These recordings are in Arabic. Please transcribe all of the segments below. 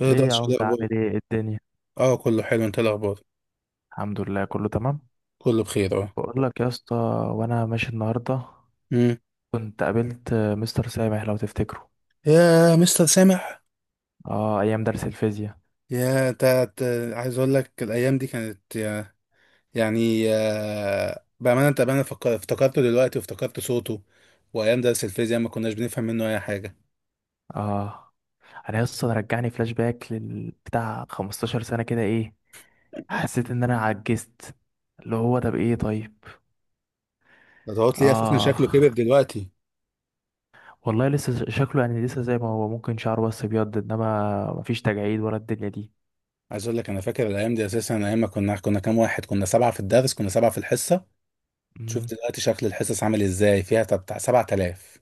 ايه ده ايه يا شو عم، الاخبار؟ عامل ايه؟ إيه الدنيا؟ اه، كله حلو. انت إيه الاخبار؟ الحمد لله، كله تمام. كله بخير اه. بقول لك يا اسطى، وانا ماشي النهارده امم كنت قابلت مستر سامح، لو تفتكره. يا مستر سامح، اه، ايام درس الفيزياء. يا انت، عايز اقول لك الايام دي كانت يعني آه، بامانه، انت بامانه، افتكرته دلوقتي وافتكرت صوته. وايام درس الفيزياء ما كناش بنفهم منه اي حاجه. اه، انا يا اسطى رجعني فلاش باك بتاع 15 سنه كده، ايه. حسيت ان انا عجزت، اللي هو طب ايه؟ طيب. ده تقعد لي اساسا اه شكله كبر دلوقتي. والله، لسه شكله يعني لسه زي ما هو، ممكن شعره بس ابيض، انما مفيش تجاعيد ولا الدنيا دي. عايز اقول لك انا فاكر الايام دي اساسا، ايام ما كنا كام واحد كنا؟ سبعه في الدرس، كنا سبعه في الحصه. شوف مم. دلوقتي شكل الحصص عامل ازاي، فيها بتاع 7000.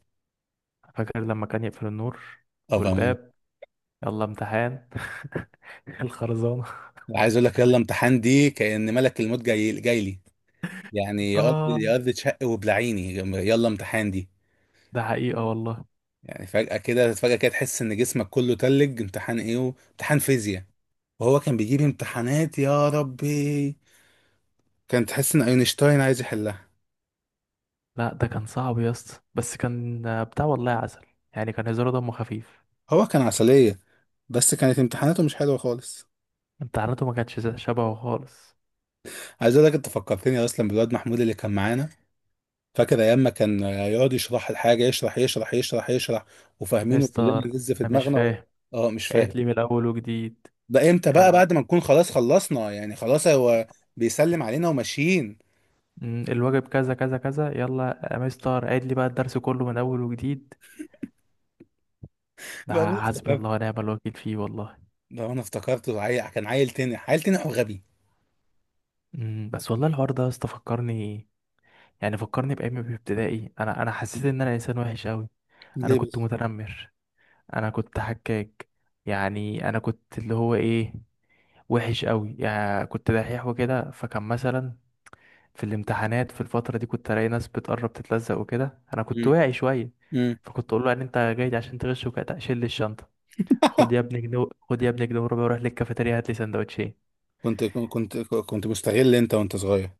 فاكر لما كان يقفل النور اه بامانه. والباب؟ يلا امتحان الخرزانة. عايز اقول لك يلا امتحان دي كأن ملك الموت جاي جاي لي. يعني يا ارض اه، يا ارض تشق وبلعيني. يلا امتحان دي ده حقيقة والله. يعني فجأة كده، فجأة كده تحس ان جسمك كله تلج. امتحان ايه امتحان فيزياء. وهو كان بيجيب امتحانات يا ربي، كان تحس ان اينشتاين عايز يحلها. لا، ده كان صعب يا اسطى، بس كان بتاع، والله عسل. يعني كان هزاره دمه خفيف. هو كان عسلية، بس كانت امتحاناته مش حلوة خالص. امتحاناته ما كانتش شبهه خالص. عايز اقول لك انت فكرتني اصلا بالواد محمود اللي كان معانا. فاكر ايام ما كان يقعد يشرح الحاجة، يشرح يشرح يشرح يشرح، وفاهمينه كلنا. مستر، لسه في انا مش دماغنا. فاهم، اه مش عيد لي فاهم؟ من الاول وجديد، ده امتى بقى؟ يلا. بعد ما نكون خلاص خلصنا يعني، خلاص هو بيسلم علينا وماشيين. الواجب كذا كذا كذا، يلا يا مستر عيد لي بقى الدرس كله من اول وجديد. ده بقى انا حسبي الله افتكرت، ونعم الوكيل فيه والله. بقى انا افتكرته عيل، كان عيل تنح، عيل تنح وغبي. بس والله الحوار ده يا اسطى فكرني. يعني فكرني بايام في ابتدائي، انا حسيت مم. ان انا انسان وحش قوي. انا ليه كنت بس؟ متنمر، انا كنت حكاك. يعني انا كنت اللي هو ايه، وحش قوي، يعني كنت دحيح وكده، فكان مثلا في الامتحانات في الفتره دي كنت الاقي ناس بتقرب تتلزق وكده، انا كنت مم. واعي شويه. مم. فكنت اقول له ان انت جاي عشان تغش وكده، شيل لي الشنطه، خد يا ابني جنيه، خد يا ابني جنيه وربع وروح للكافيتيريا هات لي سندوتشين. كنت مستغل انت وانت صغير.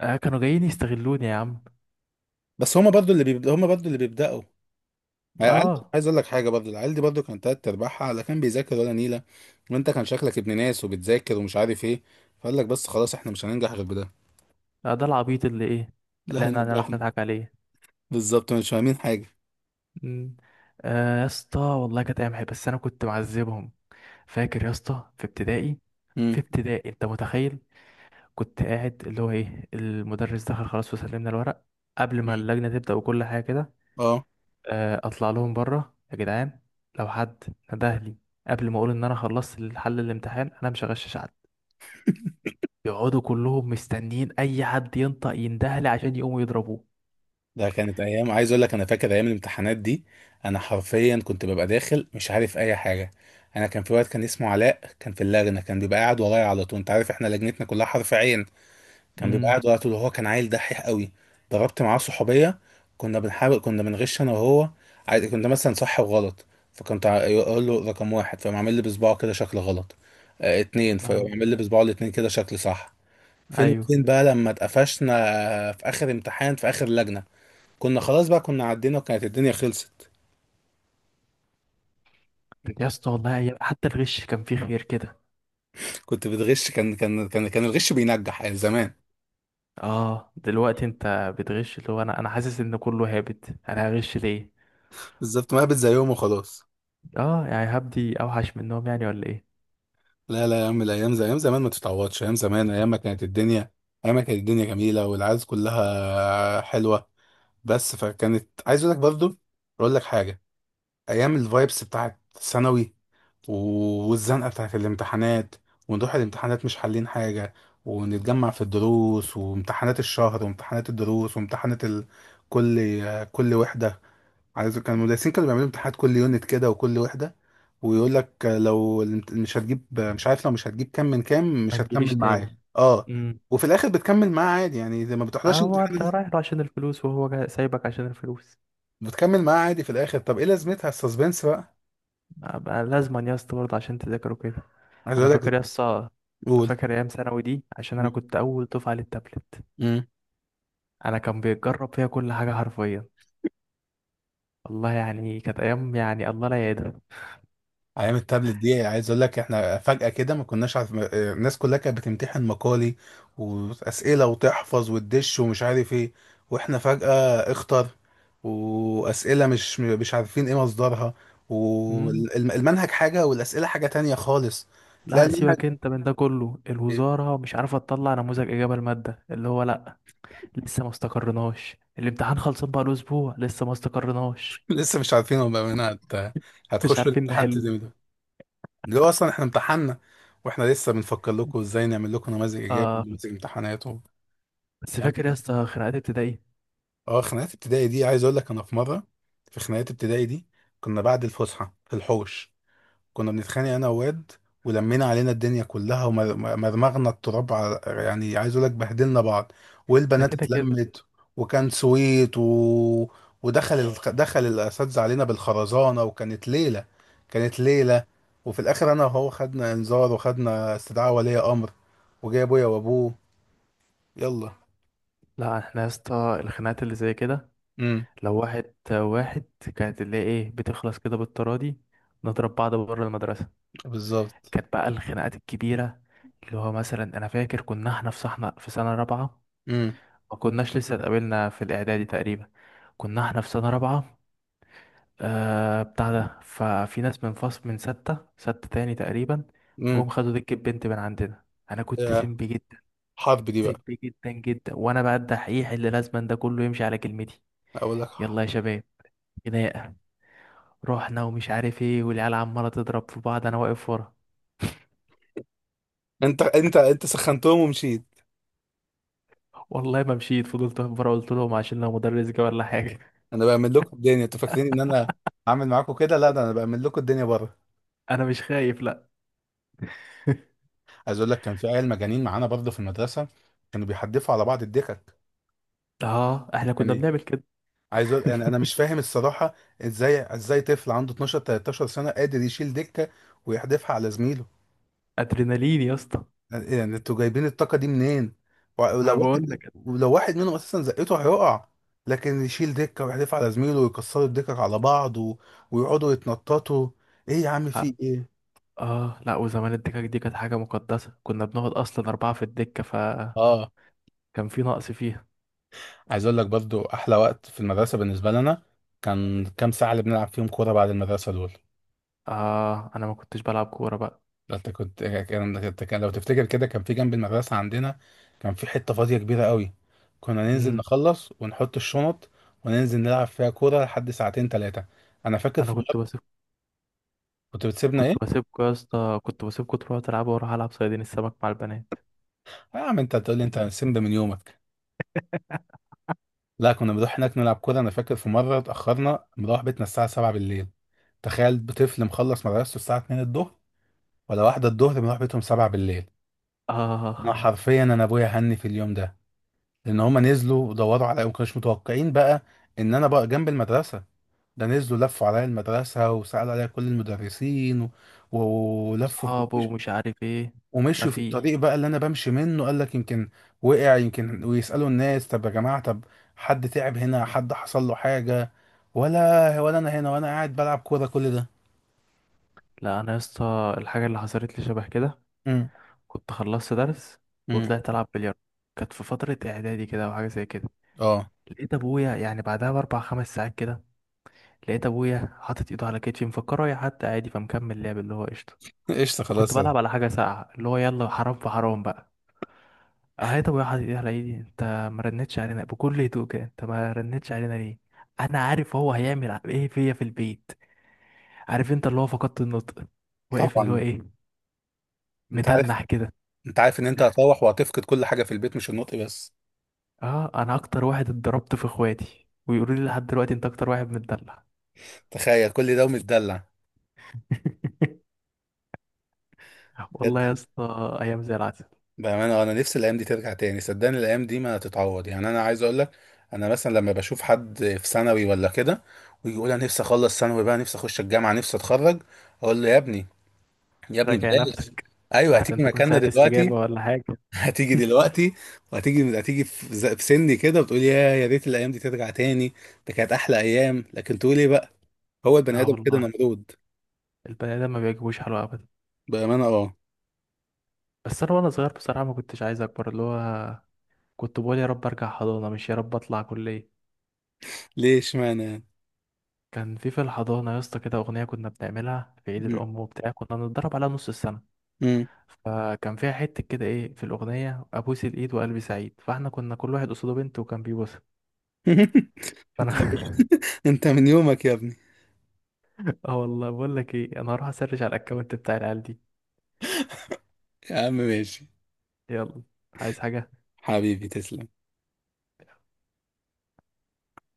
آه، كانوا جايين يستغلوني يا عم. بس هما برضو اللي بيبدأ، هما برضو اللي بيبدأوا. اه. عايز اقول لك حاجه، برضو العيال دي برضو كانت تلات ارباعها لا كان بيذاكر ولا نيله. وانت كان شكلك ابن ناس وبتذاكر ومش عارف ايه. فقال لك بس خلاص احنا مش هننجح غير بده. آه، ده العبيط اللي ايه، لا، اللي احنا هنعرف هينجحنا. نضحك عليه. بالظبط، مش فاهمين حاجه. مم. آه يا اسطى، والله كانت ايام حلوة، بس انا كنت معذبهم. فاكر يا اسطى في ابتدائي؟ امم. في ابتدائي انت متخيل؟ كنت قاعد اللي هو ايه، المدرس دخل خلاص وسلمنا الورق قبل ما اللجنة تبدأ وكل حاجة كده. اه. آه، اطلع لهم بره يا جدعان، لو حد نده لي قبل ما اقول ان انا خلصت الحل الامتحان، انا مش هغشش حد. يقعدوا كلهم مستنيين اي حد ينطق ينده لي عشان يقوموا يضربوه. ده كانت ايام. عايز اقول لك انا فاكر ايام الامتحانات دي، انا حرفيا كنت ببقى داخل مش عارف اي حاجه. انا كان في وقت كان اسمه علاء كان في اللجنه، كان بيبقى قاعد ورايا على طول. انت عارف احنا لجنتنا كلها حرف عين. كان بيبقى امم. قاعد ورايا على طول وهو كان عيل دحيح قوي. ضربت معاه صحوبيه، كنا بنحاول، كنا بنغش انا وهو. كنا مثلا صح وغلط، فكنت اقول له رقم واحد فيقوم عامل لي بصباعه كده شكل غلط. آه اتنين فيقوم اه. عامل لي بصباعه الاتنين كده شكل صح. فين ايوه. وفين بقى لما اتقفشنا؟ آه، في اخر امتحان، في اخر لجنه، كنا خلاص بقى، كنا عدينا وكانت الدنيا خلصت. يا اسطى والله، حتى الغش كان فيه خير كده. كنت بتغش، كان الغش بينجح يعني زمان. اه، دلوقتي انت بتغش اللي هو انا حاسس ان كله هابط، انا هغش ليه؟ بالظبط، ما قابل زي يوم وخلاص. اه، يعني هبدي اوحش منهم يعني ولا ايه؟ لا لا يا عم، الايام زي ايام زمان ما تتعوضش. ايام زمان ايام ما كانت الدنيا، ايام ما كانت الدنيا جميله والعز كلها حلوه. بس فكانت، عايز اقول لك برضو، اقول لك حاجه. ايام الفايبس بتاعت ثانوي، والزنقة بتاعت الامتحانات، ونروح الامتحانات مش حالين حاجة، ونتجمع في الدروس وامتحانات الشهر وامتحانات الدروس وامتحانات ال... كل، كل وحدة، عايز كان المدرسين كانوا بيعملوا امتحانات كل يونت كده وكل وحدة. ويقول لك لو مش هتجيب، مش عارف، لو مش هتجيب كام من كام ما مش تجيليش هتكمل تاني. معاه. اه امم. وفي الاخر بتكمل معاه عادي يعني زي ما آه، بتحضرش هو انت امتحان. رايح له عشان الفلوس، وهو سايبك عشان الفلوس. بتكمل معاه عادي في الاخر، طب ايه لازمتها السسبنس بقى؟ بقى لازما يا اسطى برضه عشان تذاكره كده. عايز انا اقول لك. فاكر يا اسطى، قول. فاكر ايام ثانوي دي، عشان انا كنت اول دفعه للتابلت. انا كان بيتجرب فيها كل حاجه حرفيا. والله يعني كانت ايام، يعني الله لا يعيدها. ايام التابلت دي عايز اقول لك احنا فجأة كده ما كناش عارف، آه، الناس كلها كانت بتمتحن مقالي واسئلة وتحفظ وتدش ومش عارف ايه. واحنا فجأة اختر، واسئلة مش عارفين ايه مصدرها. امم. والمنهج حاجة والاسئلة حاجة تانية خالص. تلاقي لا المنهج. سيبك انت من ده كله، الوزاره مش عارفه تطلع نموذج اجابه الماده اللي هو لا. لسه ما استقرناش الامتحان، خلصان بقى له اسبوع لسه ما استقرناش. لسه مش عارفين هم منها هت... مش هتخشوا عارفين الامتحان نحله. تزمي ده، اللي هو اصلا احنا امتحنا واحنا لسه بنفكر لكم ازاي نعمل لكم نماذج ايجابي آه، ونماذج امتحانات و... بس يعني. فاكر يا اسطى خناقات ابتدائي؟ اه خناقات ابتدائي دي عايز اقول لك انا في مره، في خناقات ابتدائي دي، كنا بعد الفسحه في الحوش، كنا بنتخانق انا وواد، ولمينا علينا الدنيا كلها، ومرمغنا التراب على، يعني عايز اقول لك بهدلنا بعض، ده والبنات كده كده. اتلمت، وكان سويت و... ودخل ال... دخل الاساتذه علينا بالخرزانه، وكانت ليله، كانت ليله. وفي الاخر انا وهو خدنا انذار وخدنا استدعاء ولي امر، وجاي ابويا وابوه. يلا. لا احنا يا اسطى، الخناقات اللي زي كده امم. لو واحد واحد، كانت اللي هي ايه، بتخلص كده بالتراضي، نضرب بعض بره المدرسة. بالظبط. كانت بقى الخناقات الكبيرة، اللي هو مثلا انا فاكر كنا احنا في صحنا في سنة رابعة. امم. ما كناش لسه اتقابلنا في الاعدادي تقريبا. كنا احنا في سنة رابعة. آه، بتاع ده ففي ناس من فصل من ستة ستة تاني تقريبا، امم. جم خدوا دكة بنت من عندنا. انا كنت سمبي جدا، حرب دي بقى. سبي جدا جدا، وانا بقى الدحيح اللي لازم ده كله يمشي على كلمتي. اقول لك، يلا يا شباب، خناقه. رحنا ومش عارف ايه، والعيال عماله تضرب في بعض، انا واقف ورا. انت سخنتهم ومشيت؟ والله ما مشيت، فضلت واقف ورا، قلت لهم عشان لو مدرس جه ولا حاجه. انا بعمل لكم الدنيا، انتوا فاكرين ان انا عامل معاكم كده؟ لا ده انا بعمل لكم الدنيا بره. انا مش خايف، لا. عايز اقول لك كان في عيال مجانين معانا برضه في المدرسه، كانوا بيحدفوا على بعض الدكك. اه، احنا كنا يعني بنعمل كده. عايز اقول يعني انا مش فاهم الصراحه، ازاي، ازاي طفل عنده 12 13 سنه قادر يشيل دكه ويحدفها على زميله؟ ادرينالين يا اسطى. يعني انتوا جايبين الطاقة دي منين؟ انا ولو بقول واحد، لك. ولو واحد منهم اساسا زقته هيقع، لكن يشيل دكة ويحدف على زميله ويكسروا الدكك على بعض و... ويقعدوا يتنططوا، ايه يا عم اه. في ايه؟ آه، لا وزمان الدكك دي كانت حاجه مقدسه، كنا بنقعد اصلا اربعه في الدكه، فكان اه. في نقص فيها. عايز اقول لك برضو احلى وقت في المدرسه بالنسبه لنا كان كام ساعه اللي بنلعب فيهم كوره بعد المدرسه دول. اه، انا ما كنتش بلعب كوره بقى. ده انت كان لو تفتكر كده، كان في جنب المدرسه عندنا كان في حته فاضيه كبيره قوي، كنا ننزل امم. نخلص ونحط الشنط وننزل نلعب فيها كوره لحد ساعتين ثلاثه. انا فاكر في، انا كنت بس، كنت بتسيبنا كنت ايه؟ بسيبكوا يا اسطى، كنت بسيبكوا تروحوا تلعبوا واروح العب صيادين السمك مع البنات. آه يا عم انت هتقول لي انت سمب من يومك. لا كنا بنروح هناك نلعب كورة. انا فاكر في مرة اتأخرنا مروح بيتنا الساعة 7 بالليل. تخيل طفل مخلص مدرسته الساعة 2 الظهر ولا واحدة الظهر بنروح بيتهم 7 بالليل. انا اه. حرفيا انا ابويا هني في اليوم ده، لان هما نزلوا ودوروا عليا وما كانوش متوقعين بقى ان انا بقى جنب المدرسة. ده نزلوا لفوا عليا المدرسة وسألوا عليا كل المدرسين و... ولفوا وصحابه ومش عارف ايه. ما ومشوا في في. الطريق بقى اللي انا بمشي منه، قال لك يمكن وقع، يمكن، ويسالوا الناس طب يا جماعه، طب حد تعب هنا، حد حصل له حاجه، ولا، ولا انا هنا وانا قاعد بلعب كوره كل ده. لا، انا يا اسطى الحاجه اللي حصلت لي شبه كده. امم. كنت خلصت درس امم. وطلعت العب بلياردو، كانت في فتره اعدادي كده او حاجه زي كده. اه. لقيت ابويا يعني بعدها باربع خمس ساعات كده، لقيت ابويا حاطط ايده على كتفي، مفكره رايح حتى عادي، فمكمل لعب اللي هو قشطه. قشطه وكنت خلاص. بلعب على حاجه ساقعه اللي هو يلا حرام في حرام بقى. اه، طب يا حبيبي يا لعيدي انت، ما رنتش علينا بكل هدوء كده؟ انت ما رنتش علينا ليه؟ انا عارف هو هيعمل ايه فيا في البيت. عارف انت اللي هو فقدت النطق، واقف اللي هو طبعا. ايه، انت عارف، متنح كده. انت عارف ان انت هتروح وهتفقد كل حاجه في البيت مش النطق بس. اه، انا اكتر واحد اتضربت في اخواتي، ويقولوا لي لحد دلوقتي انت اكتر واحد متدلع. تخيل كل ده ومتدلع. بجد. والله يا اسطى ايام زي العسل. بأمانة آه، أنا نفسي الأيام دي ترجع تاني. صدقني الأيام دي ما تتعوض يعني. أنا عايز أقول لك، أنا مثلا لما بشوف حد في ثانوي ولا كده ويجي يقول أنا نفسي أخلص ثانوي بقى، نفسي أخش الجامعة، نفسي أتخرج، أقول له يا ابني، يا ابني راجع بلاش. نفسك، أيوه لحسن هتيجي تكون مكاننا ساعة استجابة دلوقتي. ولا حاجة. هتيجي دلوقتي. وهتيجي، هتيجي في في سني كده وتقول يا ريت الأيام دي ترجع تاني. ده كانت أحلى أيام، لكن تقول إيه بقى؟ هو البني اه آدم كده والله، نمرود. البني ادم ما بيعجبوش حلو ابدا. بأمانة أه. بس انا وانا صغير بصراحة ما كنتش عايز اكبر، اللي هو كنت بقول يا رب ارجع حضانه، مش يا رب اطلع كليه. ليه اشمعنى يعني؟ كان في الحضانه يا اسطى كده اغنيه كنا بنعملها في عيد مم. الام وبتاع، كنا بنتدرب عليها نص السنه. مم. فكان فيها حته كده ايه في الاغنيه، ابوس الايد وقلبي سعيد، فاحنا كنا كل واحد قصاده بنت وكان بيبوسها. أنت. فانا انت من يومك يا ابني. اه والله، بقول لك ايه، انا هروح اسرش على الاكونت بتاع العيال دي. يا عم ماشي. يلا. عايز حاجه؟ حبيبي تسلم.